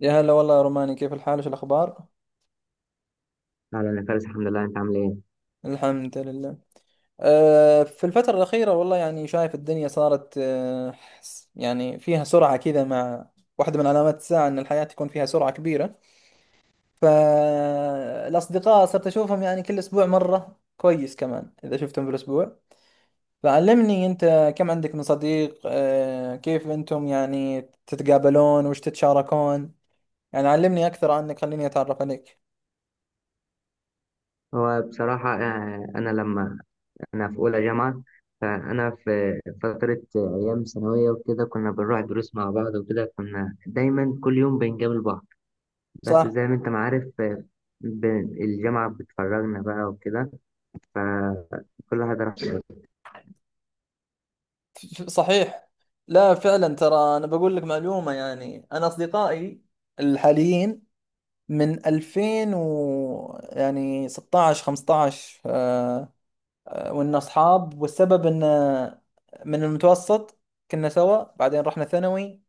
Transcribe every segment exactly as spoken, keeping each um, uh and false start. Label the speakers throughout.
Speaker 1: يا هلا والله يا روماني، كيف الحال؟ وش الأخبار؟
Speaker 2: أهلا يا فارس، الحمد لله. أنت عامل إيه؟
Speaker 1: الحمد لله. أه في الفترة الأخيرة والله يعني شايف الدنيا صارت أه س- يعني فيها سرعة كذا، مع واحدة من علامات الساعة أن الحياة تكون فيها سرعة كبيرة. فالأصدقاء صرت أشوفهم يعني كل أسبوع مرة، كويس كمان إذا شفتهم بالأسبوع. فعلمني أنت، كم عندك من صديق؟ أه كيف أنتم يعني تتقابلون؟ وش تتشاركون؟ يعني علمني أكثر عنك، خليني أتعرف عليك.
Speaker 2: هو بصراحة آه، أنا لما أنا في أولى جامعة، فأنا في فترة آه، أيام ثانوية وكده كنا بنروح دروس مع بعض وكده، كنا دايما كل يوم بنقابل بعض. بس زي
Speaker 1: صح.
Speaker 2: ما أنت ما عارف آه، ب- الجامعة بتفرجنا بقى وكده، فكل واحد راح.
Speaker 1: صحيح. لا فعلا، ترى انا بقول لك معلومه، يعني انا اصدقائي الحاليين من ألفين و و يعني ستاشر خمستاشر آه، آه، وإن اصحاب، والسبب ان آه، من المتوسط كنا سوا، بعدين رحنا ثانوي.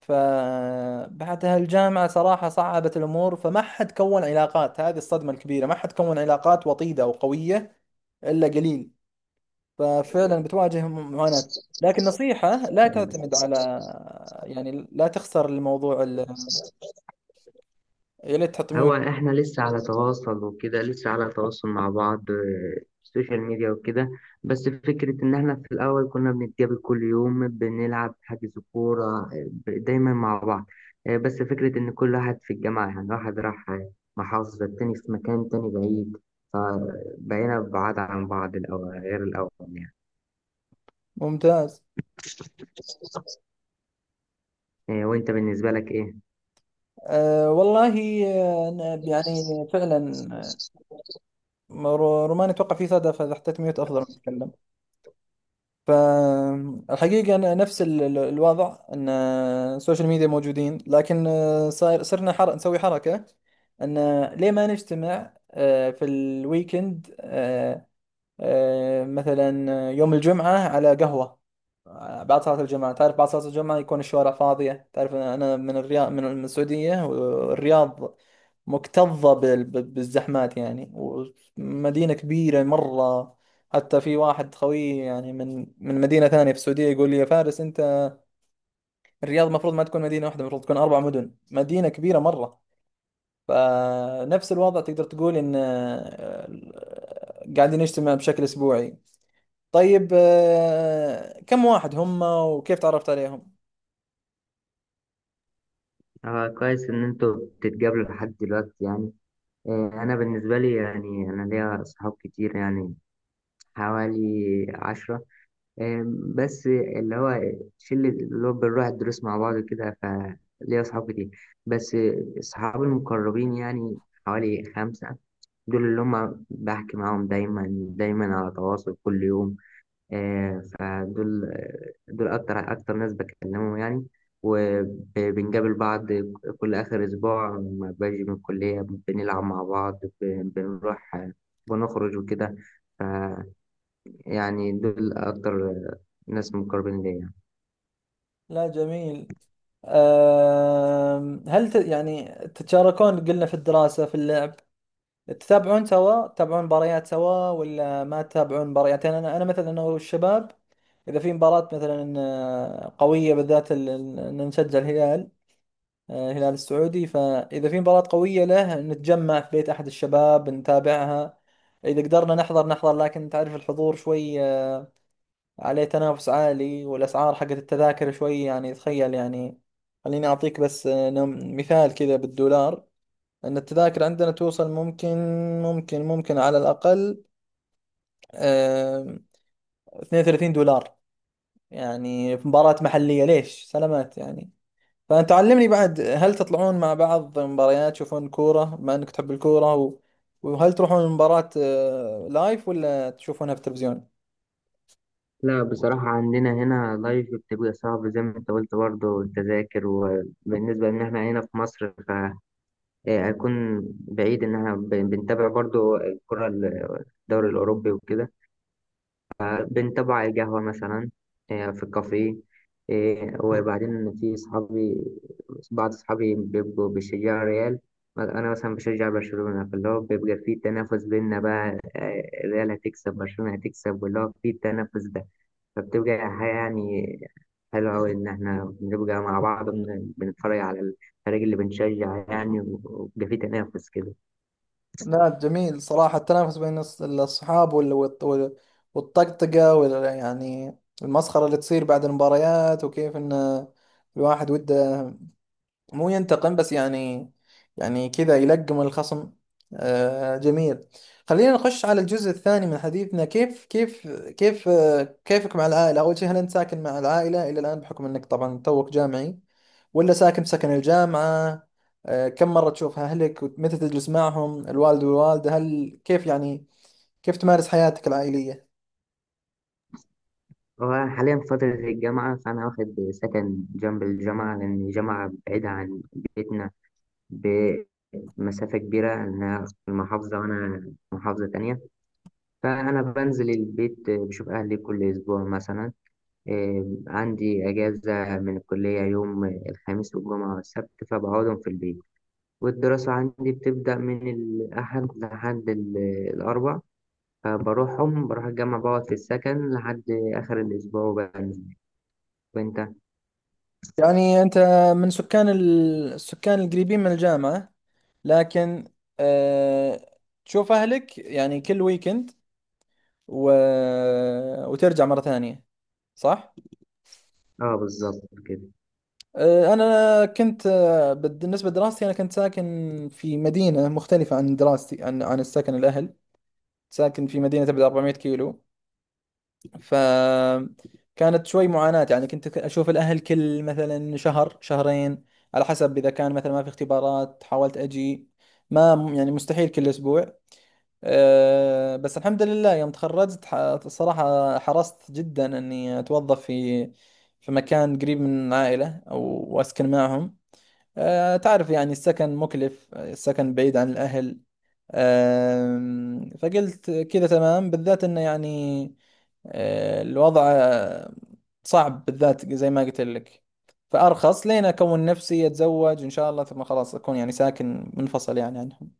Speaker 1: فبعدها الجامعه صراحه صعبت الامور، فما حد كون علاقات. هذه الصدمه الكبيره، ما حد كون علاقات وطيده وقويه الا قليل. ففعلا بتواجههم معاناة. لكن نصيحة، لا تعتمد على يعني لا تخسر الموضوع ال- يا ليت تحط
Speaker 2: هو
Speaker 1: ميوت.
Speaker 2: احنا لسه على تواصل وكده، لسه على تواصل مع بعض آه، السوشيال ميديا وكده. بس فكرة ان احنا في الاول كنا بنتقابل كل يوم، بنلعب حجز كورة آه، ب- دايما مع بعض. آه، بس فكرة ان كل واحد في الجامعة، يعني واحد راح آه، محافظة، التاني في مكان تاني بعيد، فبقينا بعاد عن بعض. الأول غير الأول يعني.
Speaker 1: ممتاز.
Speaker 2: آه، وانت بالنسبة لك ايه؟
Speaker 1: أه والله. آه، أنا يعني فعلا آه، رو- روماني، اتوقع في صدى، فاذا حطيت ميوت افضل ما اتكلم. فالحقيقة أنا نفس ال- ال- الوضع، ان آه، السوشيال ميديا موجودين، لكن آه، صاير صرنا حر... نسوي حركة ان آه، ليه ما نجتمع آه، في الويكند، آه، مثلا آه، يوم الجمعة على قهوة، آه، بعد صلاة الجمعة. تعرف بعد صلاة الجمعة يكون الشوارع فاضية. تعرف أنا أنا من الرياض، من السعودية. والرياض مكتظة بال- ب- بالزحمات يعني، ومدينة كبيرة مرة. حتى في واحد خوي يعني من من مدينة ثانية في السعودية يقول لي: يا فارس، أنت الرياض المفروض ما تكون مدينة واحدة، المفروض تكون أربع مدن، مدينة كبيرة مرة. فنفس الوضع، تقدر تقول إن آه، قاعدين نجتمع بشكل أسبوعي. طيب، آه، كم واحد هم؟ وكيف تعرفت عليهم؟
Speaker 2: اه، كويس ان انتوا بتتقابلوا لحد دلوقتي يعني. إيه، أنا بالنسبة لي يعني أنا ليا صحاب كتير يعني، حوالي عشرة. إيه، بس اللي هو شلة اللي هو بنروح الدروس مع بعض كده، فليا صحاب كتير. بس صحابي المقربين يعني حوالي خمسة. دول اللي هم بحكي معاهم دايما، دايما على تواصل كل يوم. آه، فدول آه، دول أكتر أكتر ناس بكلمهم يعني، وبنقابل بعض كل آخر أسبوع لما باجي من الكلية. بنلعب مع بعض، ب- بنروح آه، بنخرج وكده. ف- يعني دول أكتر آه، ناس مقربين ليا يعني.
Speaker 1: لا جميل. آه، هل ت... يعني تتشاركون؟ قلنا في الدراسة، في اللعب، تتابعون سوا؟ تتابعون مباريات سوا ولا ما تتابعون مباريات؟ يعني أنا أنا مثلا، أنا والشباب إذا في مباراة مثلا آه، قوية، بالذات ال- ال- إن نشجع الهلال، آه، الهلال السعودي. فإذا في مباراة قوية له نتجمع في بيت أحد الشباب نتابعها. إذا قدرنا نحضر نحضر، لكن تعرف الحضور شوي عليه تنافس عالي، والأسعار حقت التذاكر شوي يعني، تخيل يعني. خليني أعطيك بس آه، نم- مثال كذا بالدولار، أن التذاكر عندنا توصل، ممكن ممكن ممكن على الأقل، آه، اثنين وثلاثين دولار يعني في مباراة محلية، ليش؟ سلامات يعني. فأنت علمني بعد، هل تطلعون مع بعض مباريات؟ تشوفون كورة بما أنك تحب الكورة؟ و... وهل تروحون مباراة لايف ولا تشوفونها في التلفزيون؟
Speaker 2: لا بصراحة عندنا هنا لايف بتبقى صعب، زي ما أنت قلت برضه التذاكر. وبالنسبة إن إحنا هنا في مصر، فهيكون بعيد. إن إحنا بن- بنتابع برضه الكرة، ال- الدوري الأوروبي وكده، بنتابعه على القهوة مثلا، آه، في الكافيه. آه، وبعدين في صحابي، بعض صحابي بيبقوا بيشجعوا ريال، أنا مثلا بشجع برشلونة، فاللي هو بيبقى في تنافس بينا بقى. آه، ريال هتكسب، برشلونة هتكسب، واللي هو في التنافس ده. فبتبقى حاجة يعني حلوة أوي إن إحنا بنبقى مع بعض، بن- بنتفرج على الفريق اللي بنشجع يعني، وبيبقى في تنافس كده.
Speaker 1: لا جميل صراحة، التنافس بين الص- الأصحاب وال- والط- والطقطقة وال- يعني المسخرة اللي تصير بعد المباريات، وكيف إن الواحد وده، مو ينتقم بس يعني، يعني كذا يلقم الخصم. آه جميل. خلينا نخش على الجزء الثاني من حديثنا. كيف كيف كيف آه كيفك مع العائلة؟ أول شيء، هل أنت ساكن مع العائلة إلى الآن، بحكم أنك طبعا توك جامعي، ولا ساكن بسكن الجامعة؟ آه، كم مرة تشوف أهلك؟ ومتى تجلس معهم، الوالد والوالدة؟ هل كيف يعني كيف تمارس حياتك العائلية؟
Speaker 2: هو أنا حاليا في فترة الجامعة، فأنا واخد سكن جنب الجامعة، لأن الجامعة بعيدة عن بيتنا بمسافة كبيرة. أنا في المحافظة وأنا في محافظة تانية، فأنا بنزل البيت بشوف أهلي كل أسبوع. مثلا إيه، عندي أجازة من الكلية يوم الخميس والجمعة والسبت، فبقعدهم في البيت. والدراسة عندي بتبدأ من الأحد لحد ال- الأربع، فبروحهم بروح الجامعة، بقعد في السكن لحد آخر الأسبوع وبنزل. وانت؟
Speaker 1: يعني أنت من سكان ال- السكان القريبين من الجامعة، لكن أه تشوف أهلك يعني كل ويكند، و... وترجع مرة ثانية، صح؟
Speaker 2: اه، بالظبط كده.
Speaker 1: أه، أنا كنت آه، بد- بالنسبة لدراستي، أنا كنت ساكن في مدينة مختلفة عن دراستي، عن عن السكن الأهل. ساكن في مدينة تبعد أربعمية كيلو، فكانت شوي معاناة يعني. كنت ك- أشوف الأهل كل مثلا شهر شهرين، على حسب إذا كان مثلا ما في اختبارات حاولت أجي. ما يعني مستحيل كل أسبوع. أه، بس الحمد لله، يوم تخرجت ح- صراحة حرصت جدا أني أتوظف في في مكان قريب من العائلة، أو وأسكن معهم. أه، تعرف يعني السكن مكلف، السكن بعيد عن الأهل. أم، فقلت كذا تمام، بالذات انه يعني أه، الوضع أه، صعب، بالذات زي ما قلت لك. فارخص لين اكون نفسي اتزوج ان شاء الله، ثم خلاص اكون يعني ساكن منفصل يعني عنهم.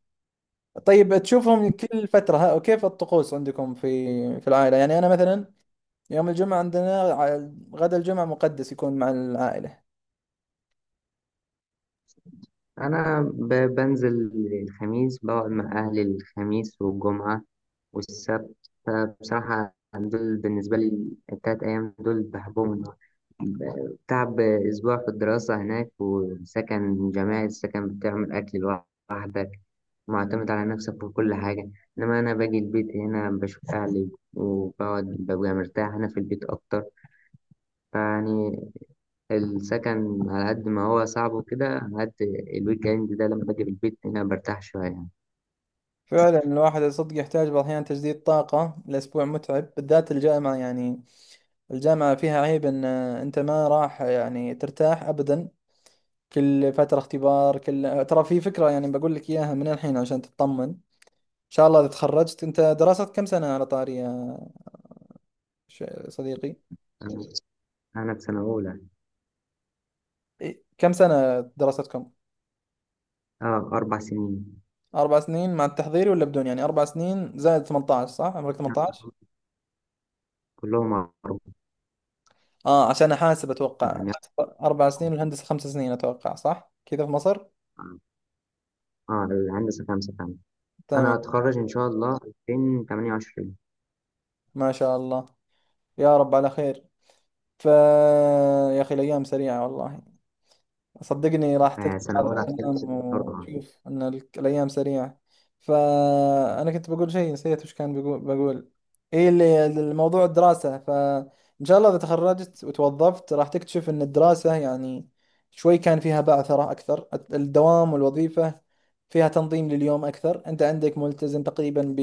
Speaker 1: طيب تشوفهم كل فترة، ها، وكيف الطقوس عندكم في في العائلة؟ يعني انا مثلا يوم الجمعة عندنا ع- غدا الجمعة مقدس يكون مع العائلة.
Speaker 2: انا ب- بنزل الخميس، بقعد مع اهلي الخميس والجمعه والسبت. فبصراحه دول بالنسبه لي، التلات ايام دول بحبهم. ب- تعب اسبوع في الدراسه هناك وسكن جماعي، السكن بتعمل اكل لوحدك، معتمد على نفسك في كل حاجه. انما انا باجي البيت هنا، بشوف اهلي وبقعد، ببقى مرتاح هنا في البيت اكتر. فيعني السكن على قد ما هو صعب وكده، على قد الويك اند ده لما باجي من البيت هنا برتاح شوية يعني.
Speaker 1: فعلا، الواحد صدق يحتاج بعض الأحيان تجديد طاقة. الأسبوع متعب بالذات الجامعة يعني، الجامعة فيها عيب ان انت ما راح يعني ترتاح ابدا، كل فترة اختبار. كل ترى في فكرة يعني بقول لك اياها من الحين عشان تطمن. ان شاء الله اذا تخرجت، انت دراستك كم سنة على طاري يا ش- صديقي؟
Speaker 2: أنا أنا في سنة أولى.
Speaker 1: إيه، كم سنة دراستكم؟
Speaker 2: أه، أربع سنين.
Speaker 1: اربع سنين مع التحضيري ولا بدون؟ يعني اربع سنين زائد ثمنتاشر، صح عمرك
Speaker 2: لا،
Speaker 1: ثمنتاشر؟
Speaker 2: كلهم أربع.
Speaker 1: اه عشان احاسب اتوقع.
Speaker 2: يعني
Speaker 1: اربع سنين، والهندسة خمس سنين اتوقع، صح كذا في مصر؟
Speaker 2: أه، الهندسة خمسة كمان. أنا
Speaker 1: تمام.
Speaker 2: هتخرج إن شاء الله ألفين وتمانية وعشرين.
Speaker 1: ما شاء الله، يا رب على خير. ف يا اخي الايام سريعة والله. صدقني راح
Speaker 2: آه،
Speaker 1: تذكر
Speaker 2: سنة
Speaker 1: هذا
Speaker 2: أولى هتخلص
Speaker 1: الكلام
Speaker 2: بسرعة.
Speaker 1: وتشوف ان ال- الايام سريعه. فانا كنت بقول شيء نسيت وش كان، بقول بقول ايه اللي الموضوع الدراسه. فان شاء الله اذا تخرجت وتوظفت راح تكتشف ان الدراسه يعني شوي كان فيها بعثره اكثر. الدوام والوظيفه فيها تنظيم لليوم اكثر، انت عندك ملتزم تقريبا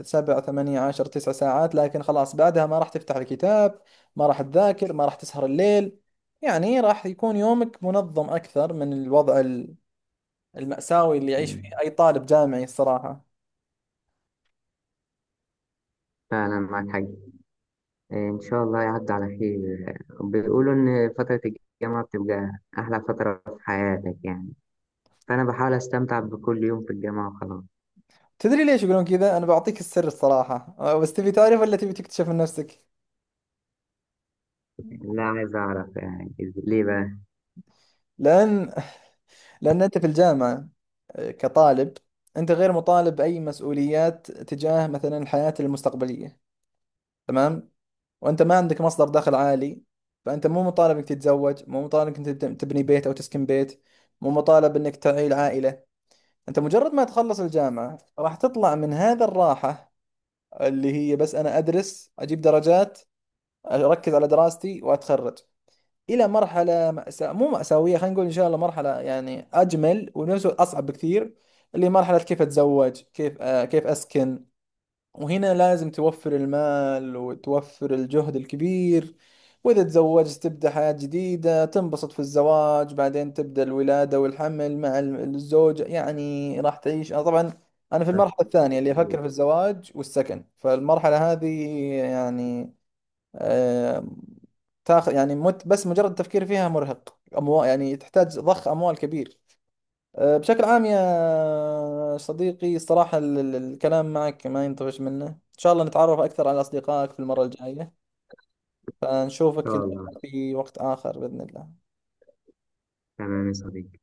Speaker 1: بسبع ثمانية عشر تسع ساعات، لكن خلاص بعدها ما راح تفتح الكتاب، ما راح تذاكر، ما راح تسهر الليل. يعني راح يكون يومك منظم أكثر من الوضع ال- المأساوي اللي يعيش
Speaker 2: مم.
Speaker 1: فيه أي طالب جامعي الصراحة.
Speaker 2: فعلا معاك حاجة. آه، إن شاء الله يعدي على خير. بيقولوا إن فترة الجامعة بتبقى أحلى فترة في حياتك يعني، فأنا بحاول أستمتع بكل يوم في الجامعة وخلاص.
Speaker 1: تدري ليش يقولون كذا؟ أنا بعطيك السر الصراحة، أه، بس تبي تعرف ولا تبي تكتشف من نفسك؟
Speaker 2: لا، عايز أعرف يعني إز- ليه بقى؟
Speaker 1: لأن لأن أنت في الجامعة أه، كطالب، أنت غير مطالب أي مسؤوليات تجاه مثلا الحياة المستقبلية، تمام؟ وأنت ما عندك مصدر دخل عالي، فأنت مو مطالب إنك تتزوج، مو مطالب إنك تب- تبني بيت أو تسكن بيت، مو مطالب إنك تعيل عائلة. انت مجرد ما تخلص الجامعة راح تطلع من هذا الراحة، اللي هي بس انا ادرس اجيب درجات اركز على دراستي واتخرج، الى مرحلة مأساة، مو مأساوية، خلينا نقول ان شاء الله مرحلة يعني اجمل وبنفس الوقت اصعب بكثير، اللي هي مرحلة كيف اتزوج، كيف آه كيف اسكن. وهنا لازم توفر المال وتوفر الجهد الكبير. وإذا تزوجت تبدأ حياة جديدة، تنبسط في الزواج، بعدين تبدأ الولادة والحمل مع ال- الزوجة. يعني راح تعيش، أنا طبعا أنا في
Speaker 2: طيب.
Speaker 1: المرحلة الثانية اللي
Speaker 2: إن
Speaker 1: أفكر في الزواج والسكن، فالمرحلة هذه يعني آه، تاخذ يعني مت بس مجرد التفكير فيها مرهق أموال يعني، تحتاج ضخ أموال كبير. أه، بشكل عام يا صديقي، الصراحة ال- ال- الكلام معك ما ينطفش منه. إن شاء الله نتعرف أكثر على أصدقائك في المرة الجاية، فنشوفك إن
Speaker 2: شاء
Speaker 1: شاء
Speaker 2: الله.
Speaker 1: الله في وقت آخر بإذن الله.
Speaker 2: تمام يا صديقي.